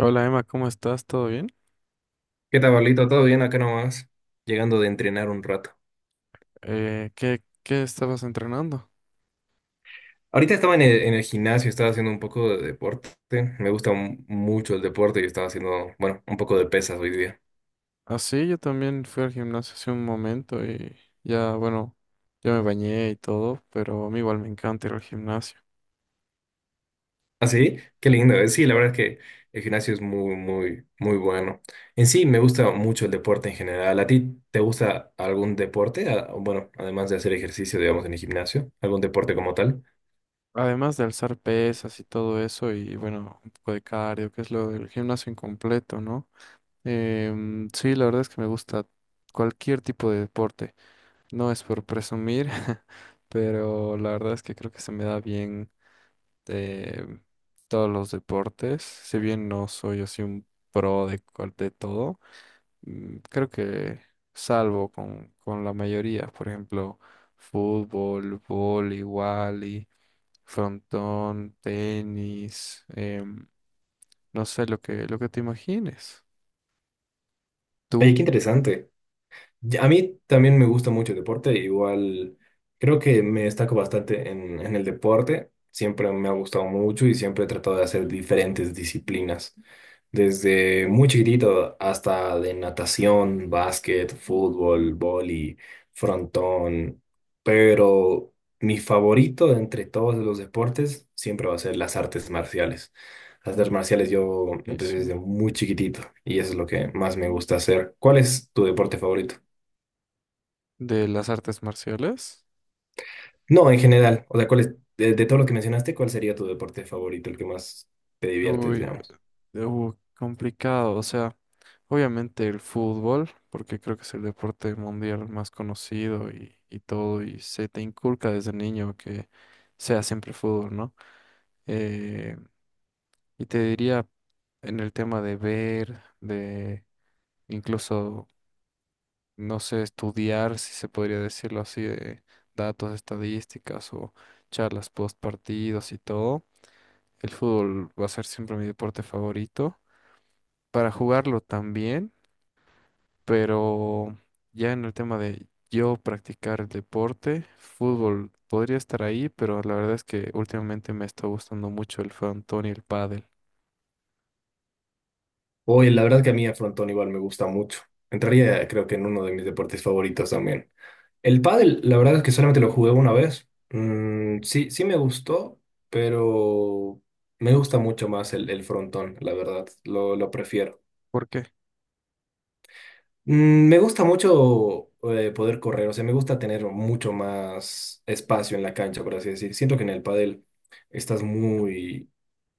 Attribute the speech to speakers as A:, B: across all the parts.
A: Hola Emma, ¿cómo estás? ¿Todo bien?
B: ¿Qué tal, Pablito? ¿Todo bien acá nomás? Llegando de entrenar un rato.
A: ¿¿Qué estabas entrenando?
B: Ahorita estaba en el gimnasio, estaba haciendo un poco de deporte. Me gusta mucho el deporte y estaba haciendo, bueno, un poco de pesas hoy día.
A: Ah, sí, yo también fui al gimnasio hace un momento y ya, bueno, ya me bañé y todo, pero a mí igual me encanta ir al gimnasio.
B: ¿Ah, sí? Qué lindo. Sí, la verdad es que el gimnasio es muy, muy, muy bueno. En sí, me gusta mucho el deporte en general. ¿A ti te gusta algún deporte? Ah, bueno, además de hacer ejercicio, digamos, en el gimnasio, algún deporte como tal.
A: Además de alzar pesas y todo eso y bueno, un poco de cardio, que es lo del gimnasio incompleto, ¿no? Sí, la verdad es que me gusta cualquier tipo de deporte. No es por presumir, pero la verdad es que creo que se me da bien de todos los deportes. Si bien no soy así un pro de, de todo, creo que salvo con la mayoría, por ejemplo, fútbol, vóley, wally, frontón, tenis, no sé lo lo que te imagines.
B: Oye,
A: ¿Tú?
B: qué interesante. A mí también me gusta mucho el deporte, igual creo que me destaco bastante en el deporte, siempre me ha gustado mucho y siempre he tratado de hacer diferentes disciplinas, desde muy chiquitito hasta de natación, básquet, fútbol, vóley, frontón, pero mi favorito de entre todos los deportes siempre va a ser las artes marciales. Las artes marciales yo empecé
A: Buenísimo.
B: desde muy chiquitito y eso es lo que más me gusta hacer. ¿Cuál es tu deporte favorito?
A: ¿De las artes marciales?
B: No, en general, o sea, ¿cuál es, de todo lo que mencionaste, cuál sería tu deporte favorito, el que más te diviertes,
A: Uy,
B: digamos?
A: complicado. O sea, obviamente el fútbol, porque creo que es el deporte mundial más conocido y todo, y se te inculca desde niño que sea siempre fútbol, ¿no? Eh, y te diría en el tema de ver, de incluso, no sé, estudiar, si se podría decirlo así, de datos, estadísticas o charlas post partidos y todo. El fútbol va a ser siempre mi deporte favorito para jugarlo también, pero ya en el tema de yo practicar el deporte, fútbol podría estar ahí, pero la verdad es que últimamente me está gustando mucho el frontón y el pádel.
B: Oye, la verdad que a mí a frontón igual me gusta mucho. Entraría, creo que en uno de mis deportes favoritos también. El pádel, la verdad es que solamente lo jugué una vez. Mm, sí me gustó, pero me gusta mucho más el frontón, la verdad, lo prefiero.
A: ¿Por qué?
B: Mm, me gusta mucho poder correr, o sea, me gusta tener mucho más espacio en la cancha, por así decir. Siento que en el pádel estás muy,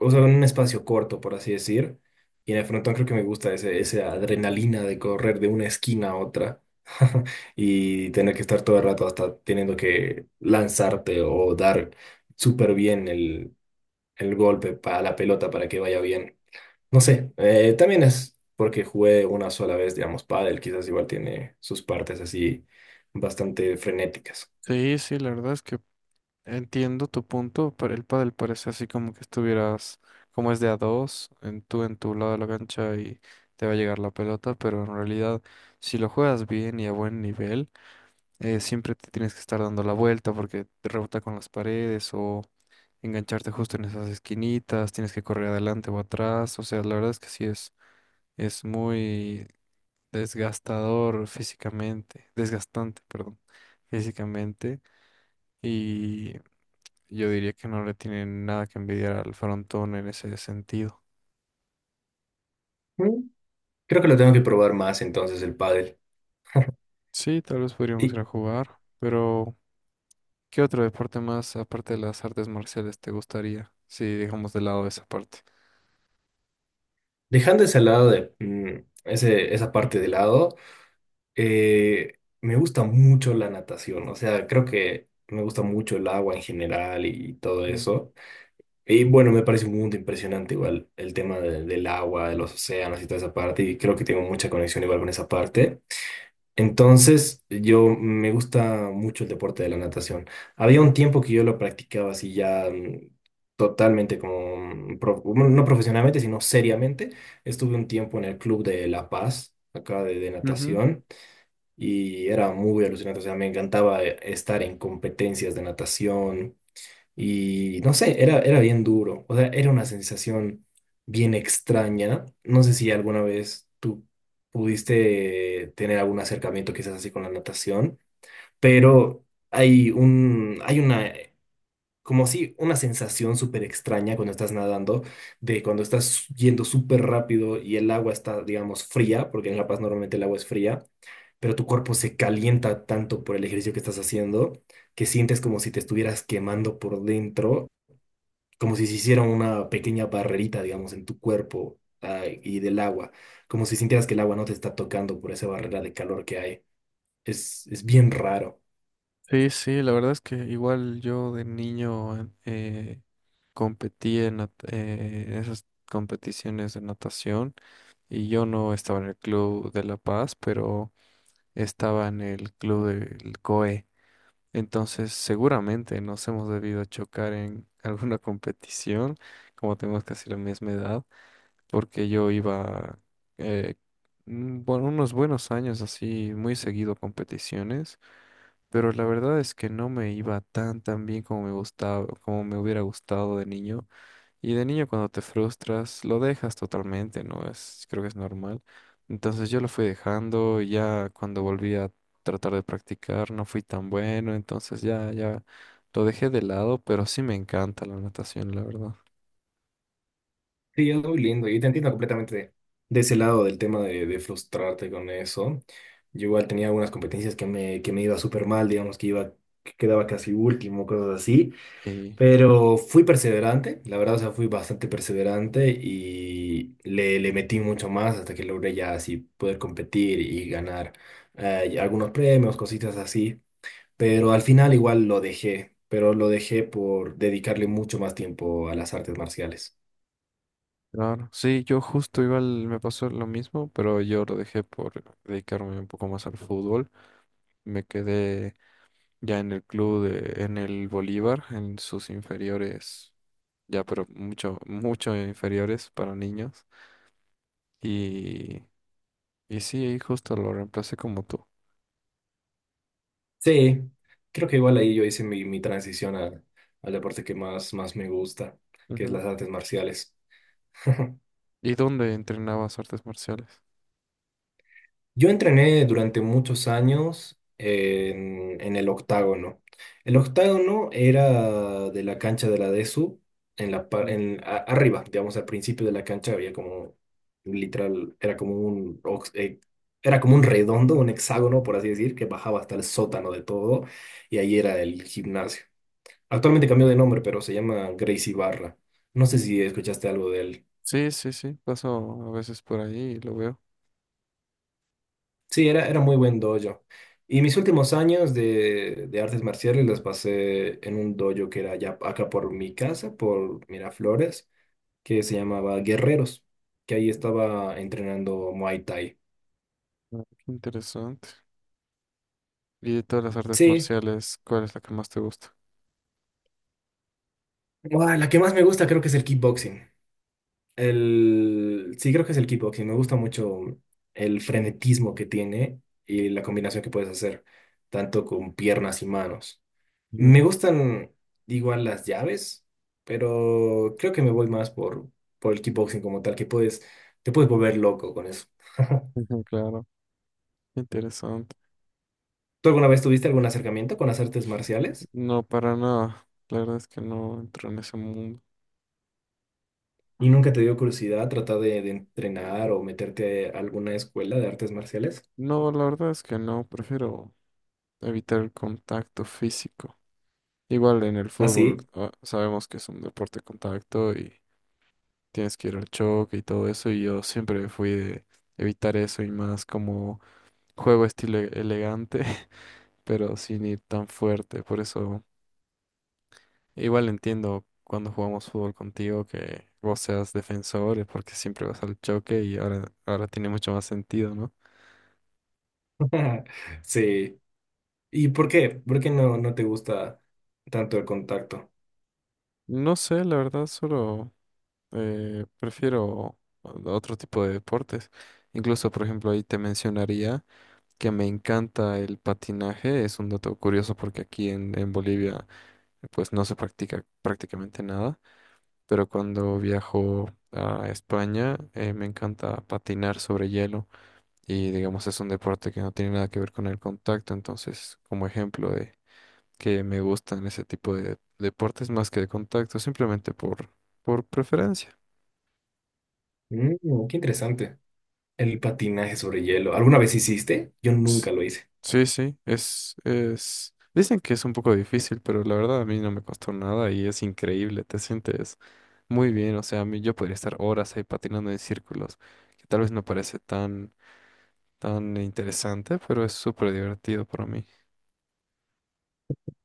B: o sea, en un espacio corto, por así decir. Y en el frontón creo que me gusta esa adrenalina de correr de una esquina a otra y tener que estar todo el rato hasta teniendo que lanzarte o dar súper bien el golpe para la pelota para que vaya bien. No sé, también es porque jugué una sola vez, digamos, pádel, quizás igual tiene sus partes así bastante frenéticas.
A: Sí, sí, la verdad es que entiendo tu punto, pero el pádel parece así como que estuvieras, como es de a dos, en tú en tu lado de la cancha y te va a llegar la pelota, pero en realidad si lo juegas bien y a buen nivel, siempre te tienes que estar dando la vuelta porque te rebota con las paredes o engancharte justo en esas esquinitas, tienes que correr adelante o atrás, o sea, la verdad es que sí es muy desgastador físicamente, desgastante, perdón, físicamente, y yo diría que no le tienen nada que envidiar al frontón en ese sentido.
B: Mm, creo que lo tengo que probar más entonces el pádel.
A: Sí, tal vez podríamos ir
B: Y
A: a jugar, pero ¿qué otro deporte más aparte de las artes marciales te gustaría? Si dejamos de lado esa parte.
B: dejando ese lado de esa parte de lado, me gusta mucho la natación, o sea, creo que me gusta mucho el agua en general y todo
A: Mm.
B: eso. Y bueno, me parece un mundo impresionante igual el tema del agua, de los océanos y toda esa parte, y creo que tengo mucha conexión igual con esa parte. Entonces, yo me gusta mucho el deporte de la natación. Había un tiempo que yo lo practicaba así ya totalmente como, bueno, no profesionalmente, sino seriamente. Estuve un tiempo en el Club de La Paz, acá de
A: Ujú.
B: natación, y era muy alucinante. O sea, me encantaba estar en competencias de natación. Y no sé, era bien duro. O sea, era una sensación bien extraña. No sé si alguna vez tú pudiste tener algún acercamiento quizás así con la natación, pero hay una, como si una sensación súper extraña cuando estás nadando, de cuando estás yendo súper rápido y el agua está, digamos, fría, porque en La Paz normalmente el agua es fría, pero tu cuerpo se calienta tanto por el ejercicio que estás haciendo que sientes como si te estuvieras quemando por dentro como si se hiciera una pequeña barrerita, digamos, en tu cuerpo, ah, y del agua, como si sintieras que el agua no te está tocando por esa barrera de calor que hay. Es bien raro.
A: Sí, sí, la verdad es que igual yo de niño competí en en esas competiciones de natación y yo no estaba en el club de La Paz, pero estaba en el club del COE. Entonces seguramente nos hemos debido chocar en alguna competición, como tenemos casi la misma edad, porque yo iba, eh, bueno, unos buenos años así, muy seguido a competiciones, pero la verdad es que no me iba tan tan bien como me gustaba, como me hubiera gustado de niño. Y de niño cuando te frustras, lo dejas totalmente, ¿no? Es, creo que es normal. Entonces yo lo fui dejando, y ya cuando volví a tratar de practicar no fui tan bueno, entonces ya, ya lo dejé de lado, pero sí me encanta la natación, la verdad.
B: Sí, es muy lindo y te entiendo completamente. De ese lado del tema de frustrarte con eso, yo igual tenía algunas competencias que me iba súper mal, digamos, que iba, que quedaba casi último, cosas así.
A: Sí,
B: Pero fui perseverante, la verdad, o sea, fui bastante perseverante y le metí mucho más hasta que logré ya así poder competir y ganar y algunos premios, cositas así. Pero al final igual lo dejé, pero lo dejé por dedicarle mucho más tiempo a las artes marciales.
A: claro. Sí, yo justo igual me pasó lo mismo, pero yo lo dejé por dedicarme un poco más al fútbol. Me quedé ya en el club de, en el Bolívar, en sus inferiores, ya pero mucho, mucho inferiores para niños. Y, y sí, ahí justo lo reemplacé como tú.
B: Sí, creo que igual ahí yo hice mi transición al deporte que más me gusta, que es
A: Ujú.
B: las artes marciales.
A: ¿Y dónde entrenabas artes marciales?
B: Yo entrené durante muchos años en el octágono. El octágono era de la cancha de la DESU, en la,
A: Ujú.
B: arriba, digamos, al principio de la cancha había como, literal, era como un, era como un redondo, un hexágono, por así decir, que bajaba hasta el sótano de todo, y ahí era el gimnasio. Actualmente cambió de nombre, pero se llama Gracie Barra. No sé si escuchaste algo de él.
A: Sí, sí, sí, paso a veces por ahí y lo veo.
B: Sí, era muy buen dojo. Y mis últimos años de artes marciales las pasé en un dojo que era allá, acá por mi casa, por Miraflores, que se llamaba Guerreros, que ahí estaba entrenando Muay Thai.
A: Ah, qué interesante. Y de todas las artes
B: Sí,
A: marciales, ¿cuál es la que más te gusta?
B: buah, la que más me gusta creo que es el kickboxing. El... Sí, creo que es el kickboxing. Me gusta mucho el frenetismo que tiene y la combinación que puedes hacer, tanto con piernas y manos.
A: Ujú.
B: Me gustan igual las llaves, pero creo que me voy más por el kickboxing como tal, que puedes, te puedes volver loco con eso.
A: Ujú, claro, interesante.
B: ¿Tú alguna vez tuviste algún acercamiento con las artes marciales?
A: No, para nada. La verdad es que no entro en ese mundo.
B: ¿Y nunca te dio curiosidad tratar de entrenar o meterte a alguna escuela de artes marciales?
A: No, la verdad es que no, prefiero evitar el contacto físico. Igual en el
B: ¿Ah,
A: fútbol,
B: sí?
A: ah, sabemos que es un deporte de contacto y tienes que ir al choque y todo eso, y yo siempre fui de evitar eso y más como juego estilo elegante, pero sin ir tan fuerte. Por eso, igual entiendo cuando jugamos fútbol contigo que vos seas defensor, porque siempre vas al choque y ahora, ahora tiene mucho más sentido, ¿no?
B: Sí. ¿Y por qué? ¿Por qué no te gusta tanto el contacto?
A: No sé, la verdad, solo... Prefiero otro tipo de deportes. Incluso, por ejemplo, ahí te mencionaría que me encanta el patinaje. Es un dato curioso porque aquí en Bolivia pues no se practica prácticamente nada. Pero cuando viajo a España me encanta patinar sobre hielo. Y digamos es un deporte que no tiene nada que ver con el contacto. Entonces, como ejemplo de que me gustan ese tipo de deportes más que de contacto, simplemente por preferencia.
B: Mm, qué interesante. El patinaje sobre hielo. ¿Alguna vez hiciste? Yo
A: S-
B: nunca lo hice.
A: Sí, sí, es... Dicen que es un poco difícil, pero la verdad a mí no me costó nada y es increíble, te sientes muy bien, o sea, a mí yo podría estar horas ahí patinando en círculos, que tal vez no parece tan, tan interesante, pero es súper divertido para mí.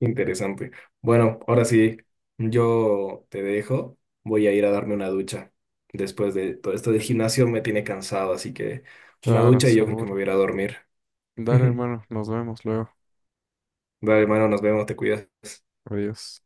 B: Interesante. Bueno, ahora sí, yo te dejo. Voy a ir a darme una ducha. Después de todo esto del gimnasio me tiene cansado, así que una
A: Claro,
B: ducha y yo creo que me
A: seguro.
B: voy a ir a dormir.
A: Dale,
B: Dale,
A: hermano, nos vemos luego.
B: hermano, nos vemos, te cuidas.
A: Adiós.